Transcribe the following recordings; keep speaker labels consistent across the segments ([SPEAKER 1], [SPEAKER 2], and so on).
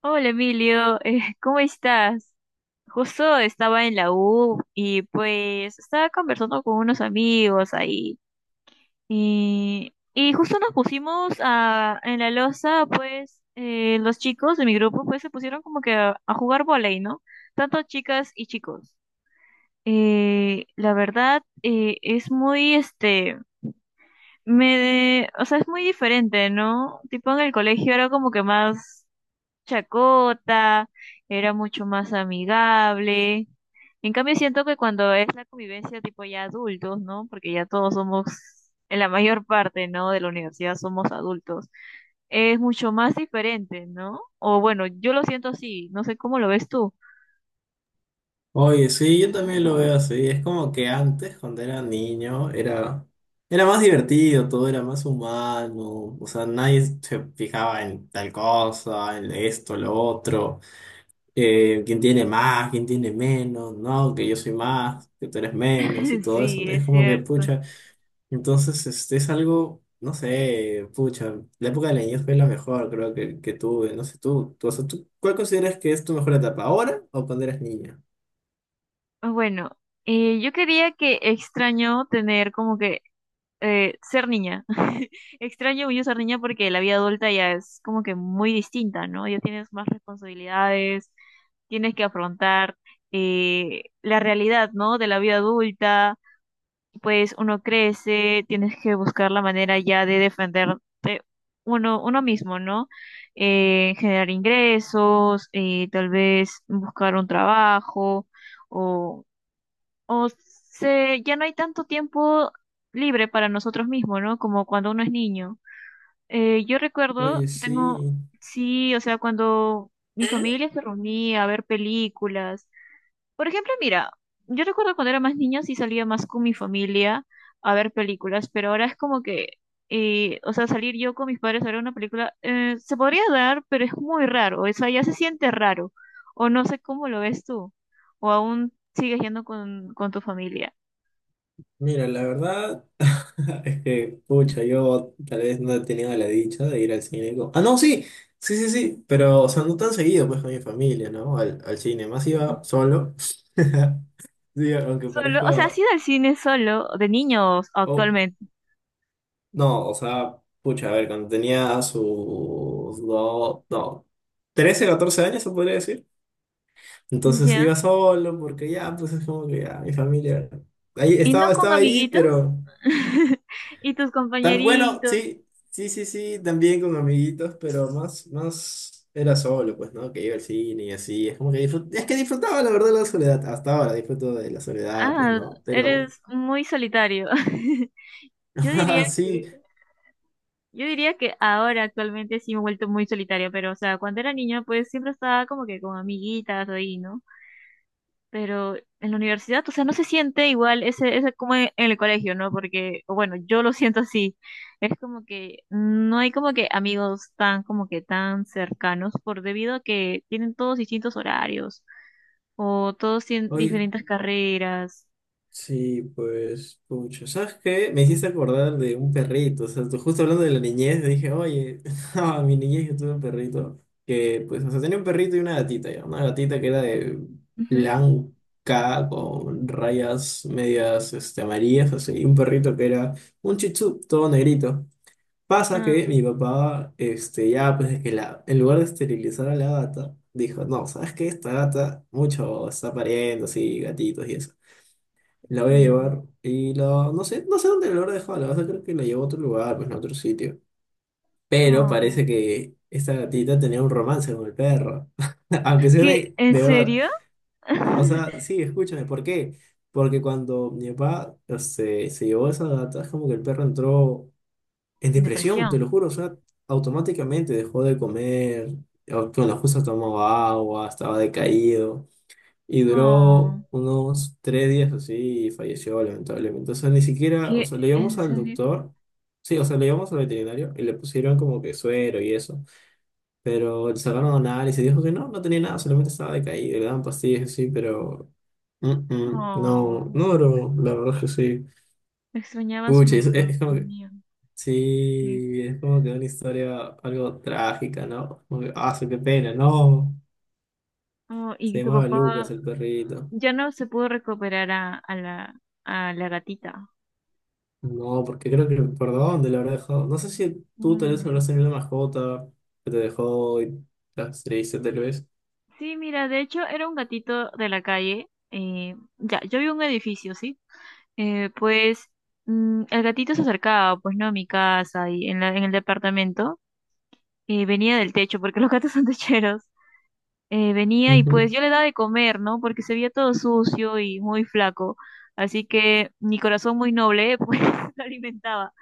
[SPEAKER 1] Hola Emilio, ¿cómo estás? Justo estaba en la U y pues estaba conversando con unos amigos ahí y justo nos pusimos a, en la loza, pues los chicos de mi grupo pues se pusieron como que a jugar vóley, ¿no? Tanto chicas y chicos. La verdad es muy este, me, o sea, es muy diferente, ¿no? Tipo en el colegio era como que más chacota, era mucho más amigable. En cambio, siento que cuando es la convivencia tipo ya adultos, ¿no? Porque ya todos somos, en la mayor parte, ¿no? De la universidad somos adultos. Es mucho más diferente, ¿no? O bueno, yo lo siento así, no sé cómo lo ves tú.
[SPEAKER 2] Oye, sí, yo también lo veo así. Es como que antes, cuando era niño, era más divertido, todo era más humano. O sea, nadie se fijaba en tal cosa, en esto, lo otro. Quién tiene más, quién tiene menos, ¿no? Que yo soy más, que tú eres menos y todo eso.
[SPEAKER 1] Sí,
[SPEAKER 2] Es
[SPEAKER 1] es
[SPEAKER 2] como que,
[SPEAKER 1] cierto.
[SPEAKER 2] pucha. Entonces, este es algo, no sé, pucha. La época de la niñez fue la mejor, creo que tuve. No sé, o sea, tú, ¿cuál consideras que es tu mejor etapa? ¿Ahora o cuando eras niña?
[SPEAKER 1] Bueno, yo quería que extraño tener como que ser niña. Extraño mucho ser niña porque la vida adulta ya es como que muy distinta, ¿no? Ya tienes más responsabilidades, tienes que afrontar la realidad, ¿no? De la vida adulta, pues uno crece, tienes que buscar la manera ya de defenderte uno mismo, ¿no? Generar ingresos, tal vez buscar un trabajo o o se, ya no hay tanto tiempo libre para nosotros mismos, ¿no? Como cuando uno es niño. Yo recuerdo,
[SPEAKER 2] Oye,
[SPEAKER 1] tengo,
[SPEAKER 2] sí.
[SPEAKER 1] sí, o sea, cuando mi
[SPEAKER 2] ¿Mm?
[SPEAKER 1] familia se reunía a ver películas. Por ejemplo, mira, yo recuerdo cuando era más niña sí salía más con mi familia a ver películas, pero ahora es como que, o sea, salir yo con mis padres a ver una película, se podría dar, pero es muy raro, o sea, ya se siente raro, o no sé cómo lo ves tú, o aún sigues yendo con tu familia.
[SPEAKER 2] Mira, la verdad es que, pucha, yo tal vez no he tenido la dicha de ir al cine. Ah, no, sí, sí, sí, sí, pero, o sea, no tan seguido, pues, con mi familia, ¿no? Al, al cine, más iba solo. Sí, aunque
[SPEAKER 1] Solo, o sea, ¿has
[SPEAKER 2] parezca...
[SPEAKER 1] ido al cine solo, de niños
[SPEAKER 2] Oh,
[SPEAKER 1] actualmente?
[SPEAKER 2] no, o sea, pucha, a ver, cuando tenía sus dos, no, 13 14 años, se podría decir. Entonces iba
[SPEAKER 1] Ya.
[SPEAKER 2] solo porque ya, pues es como que ya, mi familia... Ahí,
[SPEAKER 1] ¿Y no
[SPEAKER 2] estaba,
[SPEAKER 1] con
[SPEAKER 2] estaba ahí,
[SPEAKER 1] amiguitos?
[SPEAKER 2] pero...
[SPEAKER 1] ¿Y tus
[SPEAKER 2] Tan bueno,
[SPEAKER 1] compañeritos?
[SPEAKER 2] sí, sí, sí, sí, también con amiguitos, pero más era solo, pues, ¿no? Que iba al cine y así. Es como que es que disfrutaba, la verdad, la soledad. Hasta ahora disfruto de la soledad, pues,
[SPEAKER 1] Ah,
[SPEAKER 2] ¿no? Pero,
[SPEAKER 1] eres muy solitario. Yo diría que,
[SPEAKER 2] sí,
[SPEAKER 1] yo diría que ahora actualmente sí me he vuelto muy solitaria, pero o sea, cuando era niña pues siempre estaba como que con amiguitas ahí, ¿no? Pero en la universidad, o sea, no se siente igual ese, ese como en el colegio, ¿no? Porque, o bueno, yo lo siento así. Es como que no hay como que amigos tan, como que tan cercanos, por debido a que tienen todos distintos horarios, o todos tienen
[SPEAKER 2] oye,
[SPEAKER 1] diferentes carreras.
[SPEAKER 2] sí, pues, pucha, ¿sabes qué? Me hiciste acordar de un perrito, o sea, tú justo hablando de la niñez, dije, oye, a mi niñez yo tuve un perrito, que, pues, o sea, tenía un perrito y una gatita, ya, una gatita que era de
[SPEAKER 1] Ujú.
[SPEAKER 2] blanca, con rayas medias, este, amarillas, así, y un perrito que era un chichú, todo negrito. Pasa
[SPEAKER 1] Ah,
[SPEAKER 2] que mi papá, ya, pues, es que en lugar de esterilizar a la gata, dijo, no, ¿sabes qué? Esta gata, mucho está pariendo, así, gatitos y eso. La voy a
[SPEAKER 1] mm,
[SPEAKER 2] llevar y la... No sé, no sé dónde la habrá dejado. La verdad creo que la llevó a otro lugar, pues a otro sitio. Pero
[SPEAKER 1] oh.
[SPEAKER 2] parece que esta gatita tenía un romance con el perro. Aunque sea
[SPEAKER 1] ¿Qué?
[SPEAKER 2] de,
[SPEAKER 1] ¿En
[SPEAKER 2] de verdad.
[SPEAKER 1] serio?
[SPEAKER 2] O sea, sí, escúchame, ¿por qué? Porque cuando mi papá se llevó a esa gata, es como que el perro entró en depresión,
[SPEAKER 1] Depresión.
[SPEAKER 2] te lo juro. O sea, automáticamente dejó de comer. Bueno, justo tomaba agua, estaba decaído. Y duró
[SPEAKER 1] Oh,
[SPEAKER 2] unos 3 días así y falleció lamentablemente. O sea, ni siquiera, o
[SPEAKER 1] ¿qué?
[SPEAKER 2] sea, le
[SPEAKER 1] ¿En
[SPEAKER 2] llevamos al
[SPEAKER 1] serio?
[SPEAKER 2] doctor, sí, o sea, le llevamos al veterinario y le pusieron como que suero y eso, pero le sacaron análisis y dijo que no, no tenía nada, solamente estaba decaído, y le daban pastillas así, pero no,
[SPEAKER 1] Oh,
[SPEAKER 2] no duró, la verdad es que sí.
[SPEAKER 1] extrañaba a su
[SPEAKER 2] Pucha,
[SPEAKER 1] mejor
[SPEAKER 2] es como que,
[SPEAKER 1] amigo. Sí.
[SPEAKER 2] sí, es como que una historia algo trágica, ¿no? Como que, ah, sí, qué pena, no,
[SPEAKER 1] Oh,
[SPEAKER 2] se
[SPEAKER 1] y tu
[SPEAKER 2] llamaba Lucas
[SPEAKER 1] papá
[SPEAKER 2] el perrito.
[SPEAKER 1] ya no se pudo recuperar a la gatita.
[SPEAKER 2] No, porque creo que el perdón de lo habrá dejado. No sé si tú tal vez
[SPEAKER 1] Mm.
[SPEAKER 2] habrás tenido una mascota que te dejó y las triste tal vez.
[SPEAKER 1] Sí, mira, de hecho era un gatito de la calle. Ya, yo vi un edificio, ¿sí? Pues mm, el gatito se acercaba, pues no, a mi casa y en la- en el departamento. Venía del techo, porque los gatos son techeros. Venía y
[SPEAKER 2] Ujú.
[SPEAKER 1] pues yo le daba de comer, ¿no? Porque se veía todo sucio y muy flaco. Así que mi corazón muy noble, pues lo alimentaba.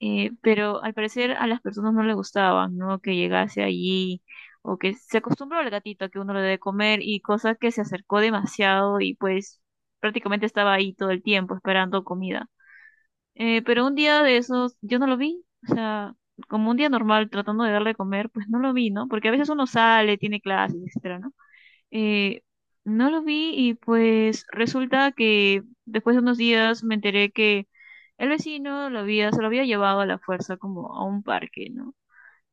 [SPEAKER 1] Pero al parecer a las personas no les gustaba, ¿no? Que llegase allí o que se acostumbró al gatito a que uno le debe comer y cosas que se acercó demasiado y pues prácticamente estaba ahí todo el tiempo esperando comida. Pero un día de esos yo no lo vi, o sea, como un día normal tratando de darle de comer, pues no lo vi, ¿no? Porque a veces uno sale, tiene clases, etcétera, ¿no? Eh, no lo vi y pues resulta que después de unos días me enteré que el vecino lo había, se lo había llevado a la fuerza como a un parque, ¿no?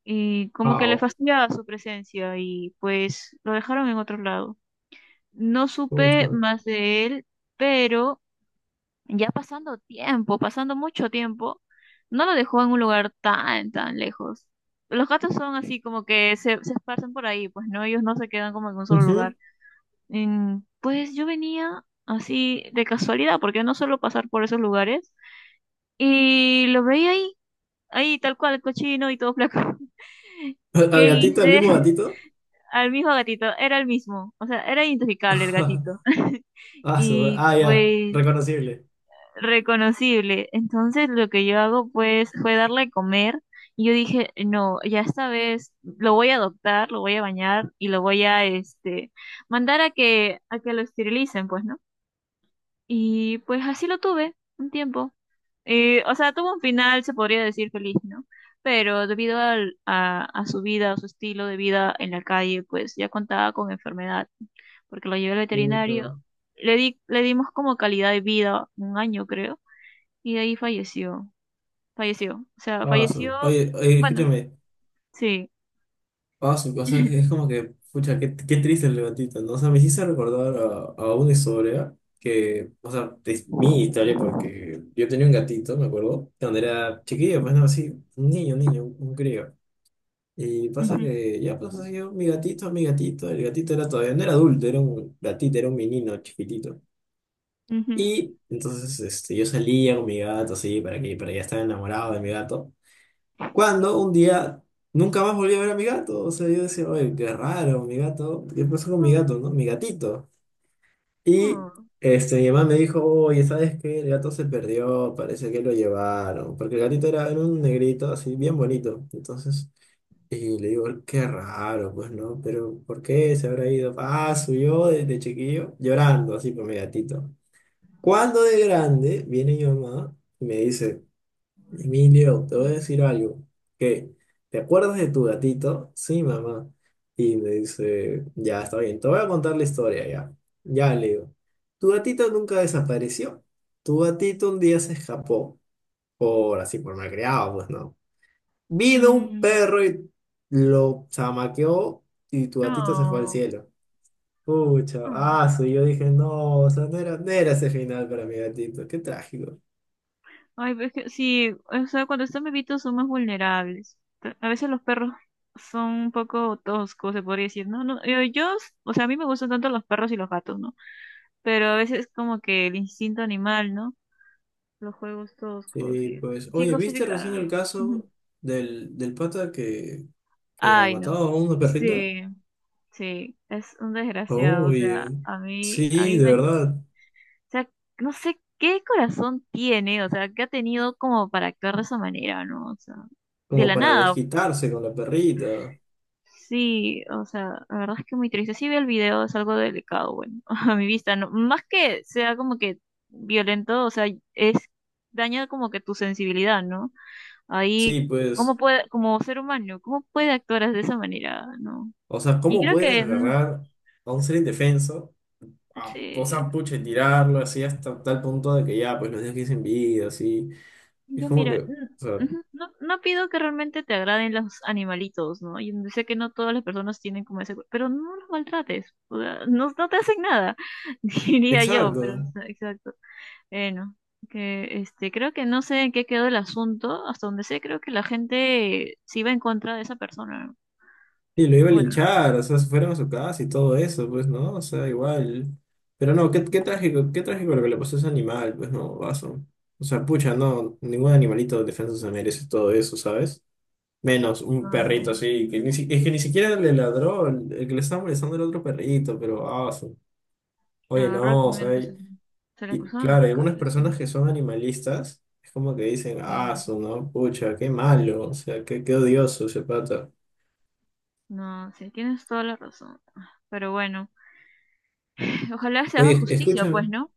[SPEAKER 1] Y como que le
[SPEAKER 2] Wow.
[SPEAKER 1] fastidiaba su presencia y pues lo dejaron en otro lado. No supe
[SPEAKER 2] Mucho.
[SPEAKER 1] más de él, pero ya pasando tiempo, pasando mucho tiempo, no lo dejó en un lugar tan, tan lejos. Los gatos son así como que se esparcen por ahí, pues no, ellos no se quedan como en un solo
[SPEAKER 2] Ujú.
[SPEAKER 1] lugar. Mm, pues yo venía así de casualidad, porque no suelo pasar por esos lugares, y lo veía ahí, ahí tal cual, cochino y todo flaco.
[SPEAKER 2] ¿Al
[SPEAKER 1] ¿Qué
[SPEAKER 2] gatito, al
[SPEAKER 1] hice?
[SPEAKER 2] mismo gatito?
[SPEAKER 1] Al mismo gatito, era el mismo, o sea, era identificable el gatito.
[SPEAKER 2] Ah,
[SPEAKER 1] Y
[SPEAKER 2] ah, ya.
[SPEAKER 1] pues
[SPEAKER 2] Reconocible.
[SPEAKER 1] reconocible. Entonces lo que yo hago pues fue darle a comer y yo dije, no, ya esta vez lo voy a adoptar, lo voy a bañar y lo voy a este mandar a que lo esterilicen, pues, ¿no? Y pues así lo tuve un tiempo. O sea, tuvo un final, se podría decir feliz, ¿no? Pero debido al- a su vida, a su estilo de vida en la calle, pues ya contaba con enfermedad, porque lo llevé al
[SPEAKER 2] Pucha.
[SPEAKER 1] veterinario. Le di, le dimos como calidad de vida un año, creo, y de ahí falleció. Falleció. O sea,
[SPEAKER 2] Ah,
[SPEAKER 1] falleció,
[SPEAKER 2] oye, oye,
[SPEAKER 1] bueno,
[SPEAKER 2] escúchame.
[SPEAKER 1] sí.
[SPEAKER 2] Ah, su cosa es,
[SPEAKER 1] Ujú,
[SPEAKER 2] es como que, pucha, qué, qué triste el levantito, ¿no? O sea, me hiciste recordar a una historia que, o sea, es mi historia porque yo tenía un gatito, me acuerdo, cuando era chiquillo, pues no, así, un niño, un niño, un crío. Y pasa que ya pues yo, mi gatito, el gatito era todavía, no era adulto, era un gatito, era un menino chiquitito.
[SPEAKER 1] ujú.
[SPEAKER 2] Y entonces este, yo salía con mi gato, así, para que ya estaba enamorado de mi gato. Cuando un día nunca más volví a ver a mi gato. O sea, yo decía, oye, qué raro, mi gato. ¿Qué pasó con mi
[SPEAKER 1] Oh,
[SPEAKER 2] gato, no? Mi gatito. Y
[SPEAKER 1] oh,
[SPEAKER 2] este, mi mamá me dijo, oye, ¿sabes qué? El gato se perdió, parece que lo llevaron. Porque el gatito era, era un negrito así, bien bonito. Entonces, y le digo, qué raro, pues, ¿no? Pero, ¿por qué se habrá ido? Ah, subió desde chiquillo, llorando así por mi gatito. Cuando de grande viene mi mamá y me dice, Emilio, te voy a decir algo. ¿Qué? ¿Te acuerdas de tu gatito? Sí, mamá. Y me dice, ya está bien, te voy a contar la historia ya. Ya le digo, tu gatito nunca desapareció. Tu gatito un día se escapó, por así, por malcriado, pues no. Vino un
[SPEAKER 1] mm,
[SPEAKER 2] perro y lo chamaqueó y tu gatito se fue al
[SPEAKER 1] oh,
[SPEAKER 2] cielo. Pucha,
[SPEAKER 1] oh.
[SPEAKER 2] ah, sí, yo dije, no, o sea, no era ese final para mi gatito, qué trágico.
[SPEAKER 1] Ay, pero es que sí, o sea, cuando están bebitos son más vulnerables. Ta- A veces los perros son un poco toscos, se podría decir, ¿no? No, yo, o sea, a mí me gustan tanto los perros y los gatos, ¿no? Pero a veces como que el instinto animal, ¿no? Los juegos toscos
[SPEAKER 2] Sí,
[SPEAKER 1] y
[SPEAKER 2] pues,
[SPEAKER 1] sin
[SPEAKER 2] oye, ¿viste recién
[SPEAKER 1] justificar.
[SPEAKER 2] el
[SPEAKER 1] Ujú.
[SPEAKER 2] caso del pata que ha
[SPEAKER 1] Ay, no.
[SPEAKER 2] matado a una perrita?
[SPEAKER 1] Sí, sí, es un desgraciado, o sea,
[SPEAKER 2] Oye,
[SPEAKER 1] a mí, a
[SPEAKER 2] sí,
[SPEAKER 1] mí
[SPEAKER 2] de
[SPEAKER 1] me, o
[SPEAKER 2] verdad,
[SPEAKER 1] sea, no sé qué corazón tiene, o sea, que ha tenido como para actuar de esa manera, ¿no? O sea, de
[SPEAKER 2] como
[SPEAKER 1] la
[SPEAKER 2] para
[SPEAKER 1] nada,
[SPEAKER 2] desquitarse con la perrita.
[SPEAKER 1] sí, o sea, la verdad es que muy triste. Sí vi el video, es algo delicado, bueno, a mi vista, no, más que sea como que violento, o sea, es daña como que tu sensibilidad, ¿no? Ahí,
[SPEAKER 2] Sí,
[SPEAKER 1] ¿cómo
[SPEAKER 2] pues,
[SPEAKER 1] puede, como ser humano, cómo puede actuar de esa manera, ¿no?
[SPEAKER 2] o sea,
[SPEAKER 1] Y
[SPEAKER 2] ¿cómo
[SPEAKER 1] creo
[SPEAKER 2] puedes
[SPEAKER 1] que, mm,
[SPEAKER 2] agarrar a un ser indefenso, o
[SPEAKER 1] sí,
[SPEAKER 2] sea, pucha, y tirarlo así hasta tal punto de que ya, pues, los dejes sin vida, así? Es
[SPEAKER 1] yo
[SPEAKER 2] como que,
[SPEAKER 1] mira,
[SPEAKER 2] o sea,
[SPEAKER 1] mm, ujú, no, no pido que realmente te agraden los animalitos, ¿no? Yo sé que no todas las personas tienen como ese, pero no los maltrates, o sea, no, no te hacen nada, diría yo, pero,
[SPEAKER 2] exacto.
[SPEAKER 1] o sea, exacto. Bueno, que este, creo que no sé en qué quedó el asunto. Hasta donde sé, creo que la gente se iba en contra de esa persona. ¿No?
[SPEAKER 2] Y lo iba a
[SPEAKER 1] Bueno, no.
[SPEAKER 2] linchar, o sea, se fueron a su casa y todo eso, pues, ¿no? O sea, igual. Pero no, qué,
[SPEAKER 1] Mm,
[SPEAKER 2] qué trágico lo que le pasó a ese animal, pues, no, vaso. O sea, pucha, no, ningún animalito defensa se merece todo eso, ¿sabes? Menos un perrito así, que ni, es que ni siquiera le ladró, el que le estaba molestando era otro perrito, pero, vaso. Oye,
[SPEAKER 1] agarró el
[SPEAKER 2] no, o
[SPEAKER 1] primero
[SPEAKER 2] sea,
[SPEAKER 1] que se,
[SPEAKER 2] y,
[SPEAKER 1] se le
[SPEAKER 2] y
[SPEAKER 1] cruzaron los
[SPEAKER 2] claro, hay algunas
[SPEAKER 1] cables. ¿No?
[SPEAKER 2] personas que son animalistas, es como que dicen,
[SPEAKER 1] Eh,
[SPEAKER 2] aso, ¿no? Pucha, qué malo, o sea, qué, qué odioso ese pata.
[SPEAKER 1] no, sí, tienes toda la razón. Pero bueno, ojalá se haga
[SPEAKER 2] Oye,
[SPEAKER 1] justicia,
[SPEAKER 2] escúchame.
[SPEAKER 1] pues, ¿no?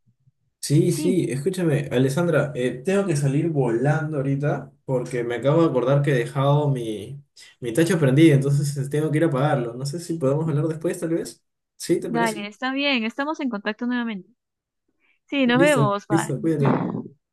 [SPEAKER 2] Sí,
[SPEAKER 1] Sí,
[SPEAKER 2] sí, escúchame, Alessandra, tengo que salir volando ahorita porque me acabo de acordar que he dejado mi, mi tacho prendido, entonces tengo que ir a apagarlo. No sé si podemos hablar después, tal vez. ¿Sí, te parece?
[SPEAKER 1] dale, está bien, estamos en contacto nuevamente. Sí, nos
[SPEAKER 2] Listo,
[SPEAKER 1] vemos,
[SPEAKER 2] listo,
[SPEAKER 1] bye.
[SPEAKER 2] cuídate.